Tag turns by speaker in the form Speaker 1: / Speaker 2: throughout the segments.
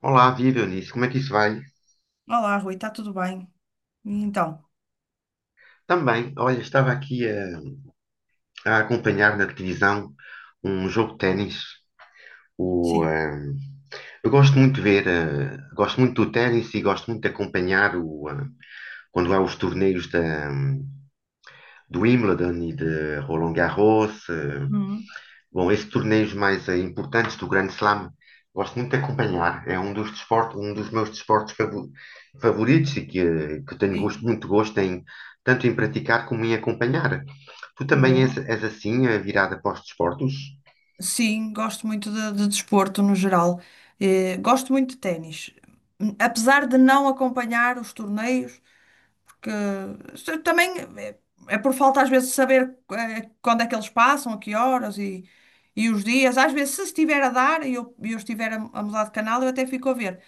Speaker 1: Olá, viva Eunice, como é que isso vai?
Speaker 2: Olá, Rui, está tudo bem? E então,
Speaker 1: Também, olha, estava aqui a acompanhar na televisão um jogo de ténis. O,
Speaker 2: sim.
Speaker 1: eh, eu gosto muito de ver, eh, gosto muito do ténis e gosto muito de acompanhar quando há os torneios do Wimbledon e de Roland Garros.
Speaker 2: Uhum,
Speaker 1: Bom, esses torneios mais importantes do Grande Slam, gosto muito de acompanhar. É um dos desportos, um dos meus desportos favoritos e que tenho
Speaker 2: sim,
Speaker 1: gosto, muito gosto em tanto em praticar como em acompanhar. Tu também
Speaker 2: boa.
Speaker 1: és assim, virada para os desportos?
Speaker 2: Sim, gosto muito de desporto no geral. Gosto muito de ténis. Apesar de não acompanhar os torneios, porque também é, é por falta às vezes de saber quando é que eles passam, a que horas e os dias. Às vezes, se estiver a dar e eu estiver a mudar de canal, eu até fico a ver.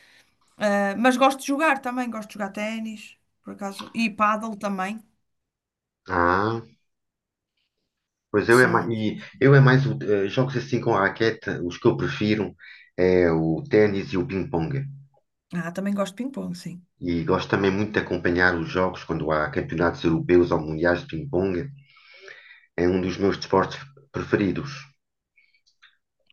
Speaker 2: Mas gosto de jogar também, gosto de jogar ténis, por acaso, e pádel também.
Speaker 1: Ah, pois eu é mais,
Speaker 2: São.
Speaker 1: jogos assim com a raquete, os que eu prefiro é o ténis e o ping-pong.
Speaker 2: Ah, também gosto de ping-pong, sim.
Speaker 1: E gosto também muito de acompanhar os jogos quando há campeonatos europeus ou mundiais de ping-pong. É um dos meus desportos preferidos.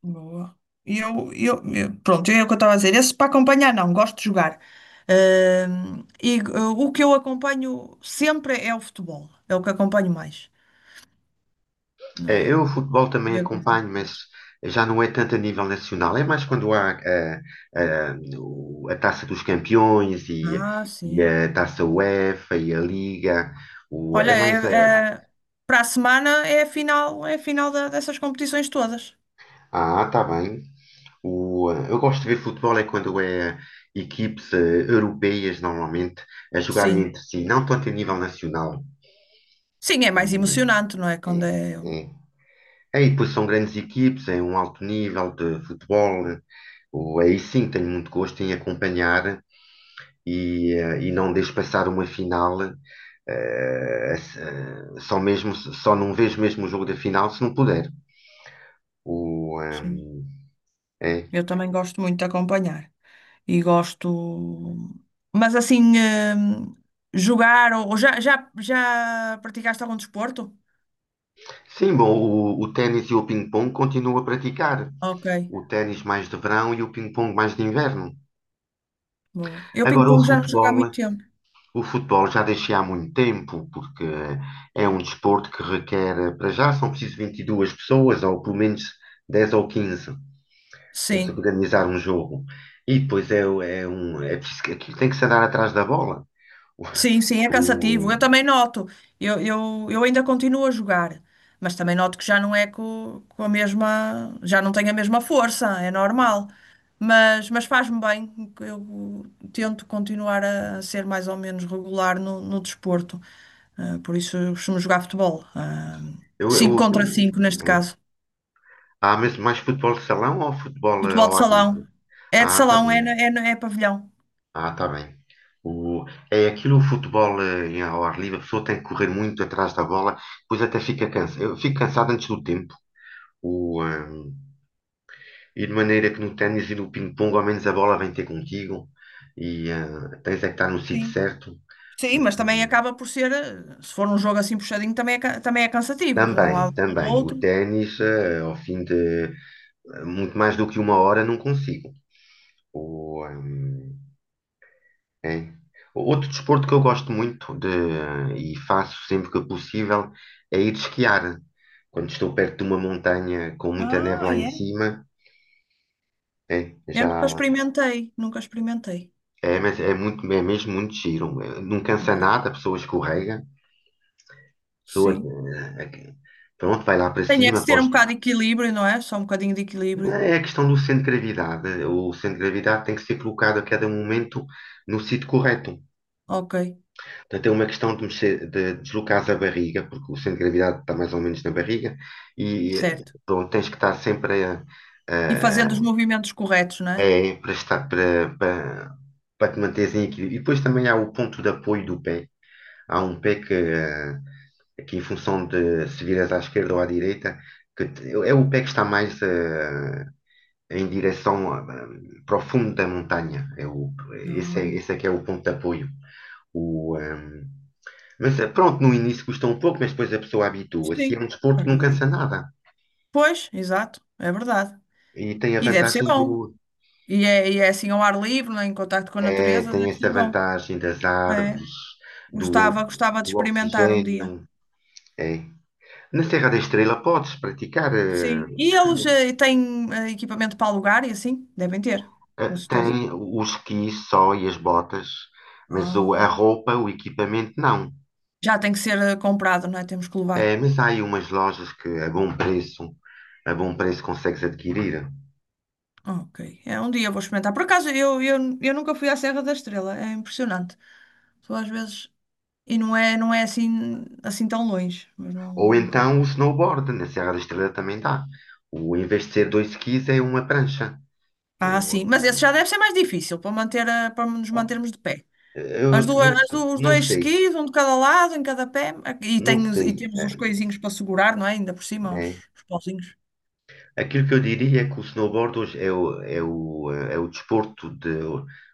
Speaker 2: Boa. Pronto, é o que eu estava a dizer. Esse para acompanhar, não, gosto de jogar. O que eu acompanho sempre é o futebol. É o que acompanho mais. Ah,
Speaker 1: Eu o futebol também
Speaker 2: os
Speaker 1: acompanho, mas
Speaker 2: jogos.
Speaker 1: já não é tanto a nível nacional. É mais quando há Taça dos Campeões
Speaker 2: Ah,
Speaker 1: e
Speaker 2: sim.
Speaker 1: a Taça UEFA e a Liga. É
Speaker 2: Olha,
Speaker 1: mais a...
Speaker 2: para a semana é a final dessas competições todas.
Speaker 1: Ah, está bem. Eu gosto de ver futebol é quando é equipes europeias, normalmente, a jogarem
Speaker 2: Sim.
Speaker 1: entre si, não tanto a nível nacional.
Speaker 2: Sim, é mais
Speaker 1: O,
Speaker 2: emocionante, não é? Quando
Speaker 1: é,
Speaker 2: é.
Speaker 1: é. É, e depois são grandes equipes, é um alto nível de futebol. Aí sim, tenho muito gosto em acompanhar e não deixo passar uma final, só não vejo mesmo o jogo da final se não puder. O,
Speaker 2: Sim.
Speaker 1: ehm, é.
Speaker 2: Eu também gosto muito de acompanhar. E gosto. Mas assim, jogar ou já praticaste algum desporto?
Speaker 1: Sim, bom, o ténis e o ping-pong continuo a praticar.
Speaker 2: Ok,
Speaker 1: O ténis mais de verão e o ping-pong mais de inverno.
Speaker 2: boa. Eu
Speaker 1: Agora
Speaker 2: ping-pong já não jogo há muito tempo.
Speaker 1: o futebol já deixei há muito tempo, porque é um desporto que requer, para já, são preciso 22 pessoas, ou pelo menos 10 ou 15 para se
Speaker 2: Sim,
Speaker 1: organizar um jogo. E depois é um. Aquilo tem que se andar atrás da bola.
Speaker 2: sim, sim, é cansativo. Eu
Speaker 1: O,
Speaker 2: também noto. Eu ainda continuo a jogar, mas também noto que já não é com, a mesma, já não tenho a mesma força, é normal. Mas faz-me bem. Eu tento continuar a ser mais ou menos regular no desporto. Ah, por isso eu costumo jogar futebol. Ah, 5 contra
Speaker 1: eu-
Speaker 2: 5 neste
Speaker 1: é.
Speaker 2: caso.
Speaker 1: Há mesmo mais futebol de salão ou futebol
Speaker 2: Futebol de
Speaker 1: ao ar livre?
Speaker 2: salão. É de
Speaker 1: Ah, tá
Speaker 2: salão,
Speaker 1: bem.
Speaker 2: é pavilhão.
Speaker 1: Ah, tá bem. O, é aquilo, o futebol em ao ar livre, a pessoa tem que correr muito atrás da bola, depois até fica cansa, eu fico cansado antes do tempo. O, ehm, e de maneira que no ténis e no ping-pong, ao menos a bola vem ter contigo e tens é que estar no sítio
Speaker 2: Sim.
Speaker 1: certo.
Speaker 2: Sim,
Speaker 1: Mas,
Speaker 2: mas também acaba por ser, se for um jogo assim puxadinho, também é, também é cansativo, de um
Speaker 1: Também,
Speaker 2: lado para o
Speaker 1: também. O
Speaker 2: outro.
Speaker 1: ténis, ao fim de muito mais do que uma hora, não consigo. Ou, hum, é. Outro desporto que eu gosto muito de, e faço sempre que possível é ir esquiar. Quando estou perto de uma montanha com muita neve
Speaker 2: Ah,
Speaker 1: lá em
Speaker 2: é?
Speaker 1: cima, é,
Speaker 2: Eu nunca
Speaker 1: já
Speaker 2: experimentei, nunca experimentei,
Speaker 1: mas é mesmo muito giro. Não
Speaker 2: não
Speaker 1: cansa
Speaker 2: acredito.
Speaker 1: nada, a pessoa escorrega, pessoa,
Speaker 2: Sim.
Speaker 1: eh, pronto, vai lá para
Speaker 2: Tem é que
Speaker 1: cima,
Speaker 2: se ter
Speaker 1: pós,
Speaker 2: um bocado de equilíbrio, não é? Só um bocadinho de
Speaker 1: Não,
Speaker 2: equilíbrio.
Speaker 1: é a questão do centro de gravidade. O centro de gravidade tem que ser colocado a cada momento no sítio correto.
Speaker 2: Ok,
Speaker 1: Portanto, é uma questão de, mexer, de deslocares a barriga, porque o centro de gravidade está mais ou menos na barriga, e
Speaker 2: certo.
Speaker 1: pronto, tens que estar sempre
Speaker 2: E fazendo os
Speaker 1: a-
Speaker 2: movimentos corretos, não é?
Speaker 1: é, para, estar, para, para, para te manteres em equilíbrio. E depois também há o ponto de apoio do pé. Há um pé que em função de se viras à esquerda ou à direita, é o pé que está mais em direção para o fundo da montanha.
Speaker 2: Não.
Speaker 1: Esse é que é o ponto de apoio. O, um, mas eh, pronto, no início custa um pouco, mas depois a pessoa habitua-se. É
Speaker 2: Sim,
Speaker 1: um desporto que não cansa
Speaker 2: acredito.
Speaker 1: nada.
Speaker 2: Pois, exato, é verdade.
Speaker 1: E tem a
Speaker 2: E deve ser
Speaker 1: vantagem do.
Speaker 2: bom. E é assim ao ar livre, né, em contacto com a
Speaker 1: É,
Speaker 2: natureza,
Speaker 1: tem
Speaker 2: deve ser
Speaker 1: essa
Speaker 2: bom.
Speaker 1: vantagem das
Speaker 2: É,
Speaker 1: árvores, do,
Speaker 2: gostava de
Speaker 1: do
Speaker 2: experimentar um dia.
Speaker 1: oxigênio. É. Na Serra da Estrela podes praticar
Speaker 2: Sim. E
Speaker 1: esqui.
Speaker 2: eles têm equipamento para alugar e assim? Devem ter, com certeza.
Speaker 1: Tem o esqui só e as botas, mas a
Speaker 2: Ah.
Speaker 1: roupa, o equipamento não.
Speaker 2: Já tem que ser comprado, não é? Temos que levar.
Speaker 1: É, mas há aí umas lojas que a bom preço consegues adquirir.
Speaker 2: Ok. É, um dia vou experimentar. Por acaso, eu nunca fui à Serra da Estrela. É impressionante. Só às vezes. Não é assim, assim tão longe. Mas não,
Speaker 1: Ou
Speaker 2: nunca.
Speaker 1: então o snowboard, na Serra da Estrela também dá. Em vez de ser dois skis, é uma prancha.
Speaker 2: Ah,
Speaker 1: O-
Speaker 2: sim. Mas esse já deve ser mais difícil para manter para nos
Speaker 1: ó,
Speaker 2: mantermos de pé.
Speaker 1: eu
Speaker 2: As duas,
Speaker 1: não sei,
Speaker 2: os
Speaker 1: não
Speaker 2: dois
Speaker 1: sei,
Speaker 2: skis, um de cada lado, em cada pé.
Speaker 1: não
Speaker 2: E
Speaker 1: sei.
Speaker 2: temos
Speaker 1: É,
Speaker 2: os coisinhos para segurar, não é? Ainda por cima,
Speaker 1: é.
Speaker 2: os pauzinhos.
Speaker 1: Aquilo que eu diria é que o snowboard hoje é o desporto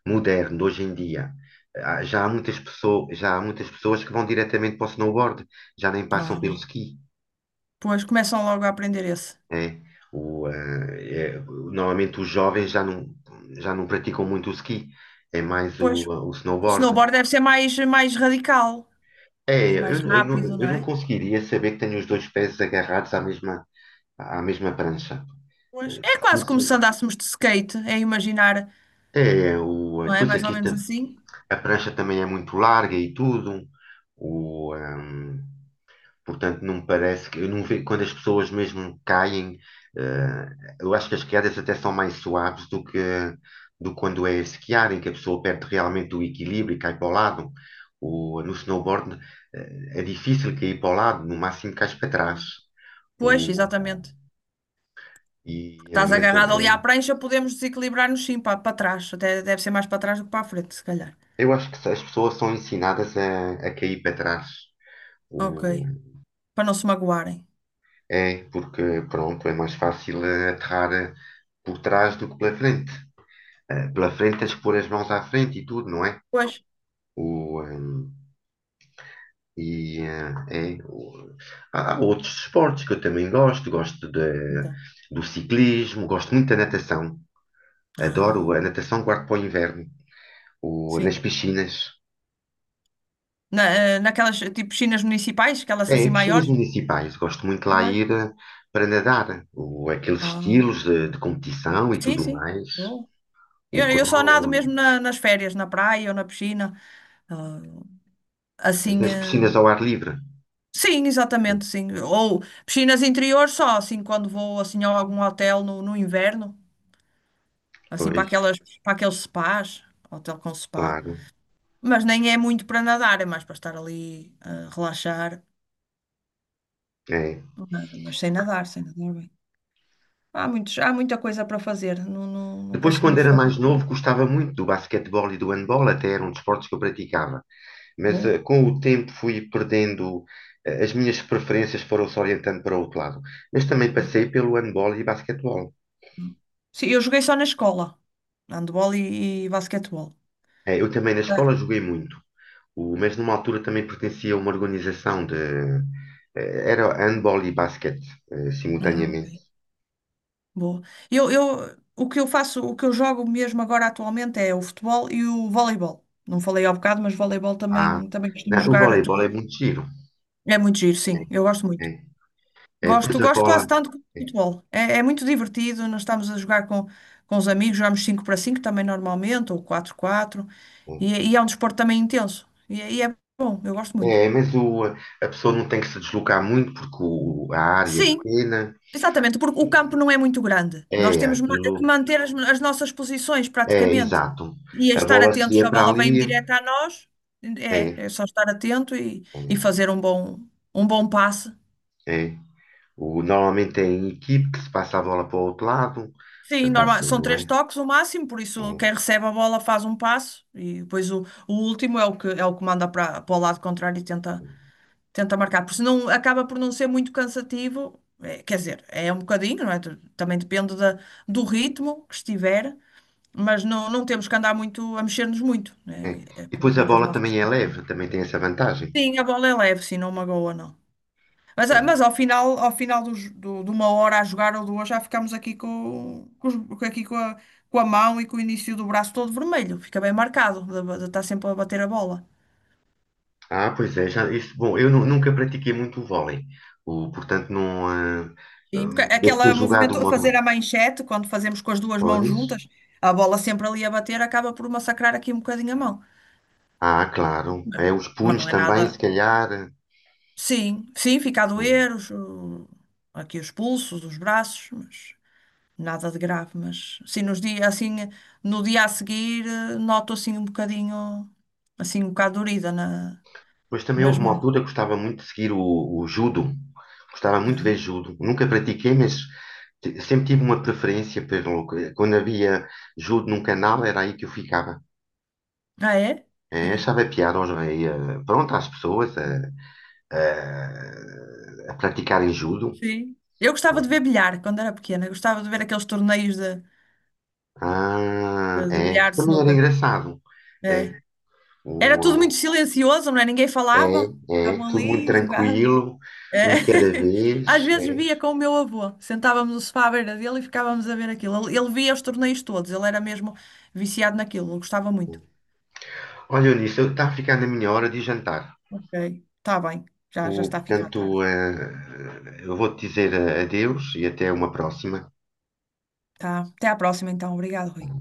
Speaker 1: moderno, hoje em dia. Já há muitas pessoas que vão diretamente para o snowboard, já nem passam pelo
Speaker 2: Ah,
Speaker 1: ski.
Speaker 2: pois começam logo a aprender esse.
Speaker 1: Né? Normalmente os jovens já não praticam muito o ski, é mais
Speaker 2: Pois,
Speaker 1: o
Speaker 2: o
Speaker 1: snowboard.
Speaker 2: snowboard deve ser mais, mais radical e
Speaker 1: É,
Speaker 2: mais rápido, não
Speaker 1: eu não
Speaker 2: é?
Speaker 1: conseguiria saber que tenho os dois pés agarrados à mesma prancha.
Speaker 2: Pois, é
Speaker 1: Porque
Speaker 2: quase
Speaker 1: isso
Speaker 2: como
Speaker 1: é
Speaker 2: se andássemos de skate, é imaginar,
Speaker 1: é o,
Speaker 2: não é?
Speaker 1: depois
Speaker 2: Mais ou
Speaker 1: aquilo,
Speaker 2: menos
Speaker 1: tam-
Speaker 2: assim.
Speaker 1: a prancha também é muito larga e tudo. O, ehm, Portanto, não me parece que eu não vejo quando as pessoas mesmo caem, eh, eu acho que as quedas até são mais suaves do que quando é esquiar, em que a pessoa perde realmente o equilíbrio e cai para o lado. No snowboard, é difícil cair para o lado, no máximo cais para trás.
Speaker 2: Pois,
Speaker 1: O,
Speaker 2: exatamente. Porque estás
Speaker 1: mas
Speaker 2: agarrado ali à prancha, podemos desequilibrar-nos sim para, para trás. Até deve ser mais para trás do que para a frente, se calhar.
Speaker 1: eu acho que as pessoas são ensinadas a cair para trás. O,
Speaker 2: Ok. Para não se magoarem.
Speaker 1: é porque, pronto, é mais fácil aterrar por trás do que pela frente. Pela frente, tens que pôr as mãos à frente e tudo, não é?
Speaker 2: Pois.
Speaker 1: O, e eh, é, o- há há outros esportes que eu também
Speaker 2: Então.
Speaker 1: do ciclismo, gosto muito da natação, adoro
Speaker 2: Ah,
Speaker 1: a natação, guardo para o inverno, o,
Speaker 2: sim.
Speaker 1: nas piscinas,
Speaker 2: Na, naquelas tipo piscinas municipais, aquelas
Speaker 1: é,
Speaker 2: assim
Speaker 1: em piscinas
Speaker 2: maiores.
Speaker 1: municipais, gosto muito lá
Speaker 2: Pois.
Speaker 1: ir para nadar, aqueles
Speaker 2: Ah,
Speaker 1: estilos de competição e
Speaker 2: sim,
Speaker 1: tudo
Speaker 2: sim.
Speaker 1: mais,
Speaker 2: Bom.
Speaker 1: o
Speaker 2: Eu só
Speaker 1: crawl,
Speaker 2: nado mesmo nas férias, na praia ou na piscina. Ah,
Speaker 1: mas
Speaker 2: assim.
Speaker 1: nas piscinas ao ar livre,
Speaker 2: Sim, exatamente, sim. Ou piscinas interiores só, assim, quando vou assim a algum hotel no inverno. Assim, para
Speaker 1: pois,
Speaker 2: aquelas, para aqueles spas. Hotel com spa.
Speaker 1: claro,
Speaker 2: Mas nem é muito para nadar, é mais para estar ali a relaxar.
Speaker 1: é.
Speaker 2: Mas sem nadar, sem nadar bem. Há muita coisa para fazer. Não
Speaker 1: Depois, quando
Speaker 2: conseguimos
Speaker 1: era
Speaker 2: fazer
Speaker 1: mais novo,
Speaker 2: tudo.
Speaker 1: gostava muito do basquetebol e do handball, até eram desportos que eu praticava. Mas
Speaker 2: Boa.
Speaker 1: com o tempo fui perdendo, as minhas preferências foram-se orientando para outro lado. Mas também
Speaker 2: Boa.
Speaker 1: passei pelo handball e basquetebol.
Speaker 2: Sim, eu joguei só na escola. Handball e basquetebol.
Speaker 1: Eu também na
Speaker 2: Ah,
Speaker 1: escola joguei muito. Mas numa altura também pertencia a uma organização de. Era handball e basquete,
Speaker 2: ah, ok.
Speaker 1: simultaneamente.
Speaker 2: Boa. O que eu faço, o que eu jogo mesmo agora atualmente é o futebol e o voleibol. Não falei ao bocado, mas voleibol
Speaker 1: Ah,
Speaker 2: também, também costumo
Speaker 1: não, o
Speaker 2: jogar.
Speaker 1: voleibol é muito giro.
Speaker 2: É muito giro,
Speaker 1: É,
Speaker 2: sim. Eu gosto
Speaker 1: é,
Speaker 2: muito.
Speaker 1: é, pois
Speaker 2: Gosto,
Speaker 1: a
Speaker 2: gosto
Speaker 1: bola.
Speaker 2: quase tanto como
Speaker 1: É,
Speaker 2: futebol. É, é muito divertido. Nós estamos a jogar com os amigos, jogamos 5 para 5 também normalmente, ou 4 quatro. E,
Speaker 1: é.
Speaker 2: é e é um desporto também intenso. E é bom, eu gosto muito.
Speaker 1: É, mas a pessoa não tem que se deslocar muito porque a área é
Speaker 2: Sim,
Speaker 1: pequena.
Speaker 2: exatamente, porque o campo não é muito grande. Nós
Speaker 1: É,
Speaker 2: temos
Speaker 1: aquilo.
Speaker 2: que manter as nossas posições
Speaker 1: É,
Speaker 2: praticamente
Speaker 1: exato.
Speaker 2: e
Speaker 1: A
Speaker 2: estar
Speaker 1: bola
Speaker 2: atentos. Se
Speaker 1: seria
Speaker 2: a
Speaker 1: para
Speaker 2: bola vem
Speaker 1: ali.
Speaker 2: direta a nós, é,
Speaker 1: É,
Speaker 2: é só estar atento e
Speaker 1: é,
Speaker 2: fazer um bom passe.
Speaker 1: é. Normalmente é em equipe que se passa a bola para o outro lado.
Speaker 2: Sim,
Speaker 1: Portanto,
Speaker 2: normal.
Speaker 1: assim,
Speaker 2: São
Speaker 1: não
Speaker 2: três
Speaker 1: é?
Speaker 2: toques o máximo, por isso
Speaker 1: É,
Speaker 2: quem recebe a bola faz um passo e depois o último é o que manda para para o lado contrário e tenta, tenta marcar. Porque isso não acaba por não ser muito cansativo. É, quer dizer, é um bocadinho, não é? Também depende do ritmo que estiver, mas não temos que andar muito a mexer-nos muito,
Speaker 1: é.
Speaker 2: né? É
Speaker 1: E depois a
Speaker 2: cumprir as
Speaker 1: bola
Speaker 2: nossas.
Speaker 1: também é leve, também tem essa vantagem.
Speaker 2: Sim, a bola é leve, sim, não magoa, não. Mas,
Speaker 1: É.
Speaker 2: ah, mas ao final de uma hora a jogar ou duas, já ficamos aqui com aqui com a mão e com o início do braço todo vermelho. Fica bem marcado, de estar sempre a bater a bola.
Speaker 1: Ah, pois é, já, isso, bom, eu nunca pratiquei muito o vôlei. Portanto, não.
Speaker 2: Sim, porque
Speaker 1: Deve ter
Speaker 2: aquele
Speaker 1: jogado
Speaker 2: movimento,
Speaker 1: uma ou
Speaker 2: fazer a
Speaker 1: duas.
Speaker 2: manchete, quando fazemos com as duas mãos
Speaker 1: Pois.
Speaker 2: juntas, a bola sempre ali a bater, acaba por massacrar aqui um bocadinho a mão.
Speaker 1: Ah, claro.
Speaker 2: Mas,
Speaker 1: É, os
Speaker 2: mas
Speaker 1: punhos
Speaker 2: não é
Speaker 1: também, se
Speaker 2: nada.
Speaker 1: calhar.
Speaker 2: Sim, sim, fica a doer aqui os pulsos, os braços, mas nada de grave, mas sim, nos dias assim, no dia a seguir, noto assim um bocadinho, assim um bocado dorida
Speaker 1: Mas também
Speaker 2: nas
Speaker 1: houve uma
Speaker 2: mãos.
Speaker 1: altura que gostava muito de seguir o judo. Gostava muito de ver
Speaker 2: Ah,
Speaker 1: judo. Nunca pratiquei, mas sempre tive uma preferência pelo. Quando havia judo num canal, era aí que eu ficava.
Speaker 2: ah, é?
Speaker 1: É, achava piada pronto, às pessoas a praticarem judo.
Speaker 2: Sim. Eu gostava de ver bilhar quando era pequena, gostava de ver aqueles torneios
Speaker 1: Ah,
Speaker 2: de
Speaker 1: é.
Speaker 2: bilhar, de
Speaker 1: Também era
Speaker 2: snooker.
Speaker 1: engraçado.
Speaker 2: É.
Speaker 1: É.
Speaker 2: Era tudo muito silencioso, não é? Ninguém falava.
Speaker 1: É, é,
Speaker 2: Estavam
Speaker 1: tudo muito
Speaker 2: ali, jogavam.
Speaker 1: tranquilo, um
Speaker 2: É.
Speaker 1: de cada
Speaker 2: Às
Speaker 1: vez.
Speaker 2: vezes
Speaker 1: É.
Speaker 2: via com o meu avô, sentávamos no sofá à beira dele e ficávamos a ver aquilo. Ele via os torneios todos, ele era mesmo viciado naquilo, ele gostava muito.
Speaker 1: Olha, Eunice, está a ficar na minha hora de jantar.
Speaker 2: Ok, está bem, já está a ficar
Speaker 1: Portanto,
Speaker 2: tarde.
Speaker 1: eu vou-te dizer adeus e até uma próxima.
Speaker 2: Tá. Até à próxima, então. Obrigado, Rui.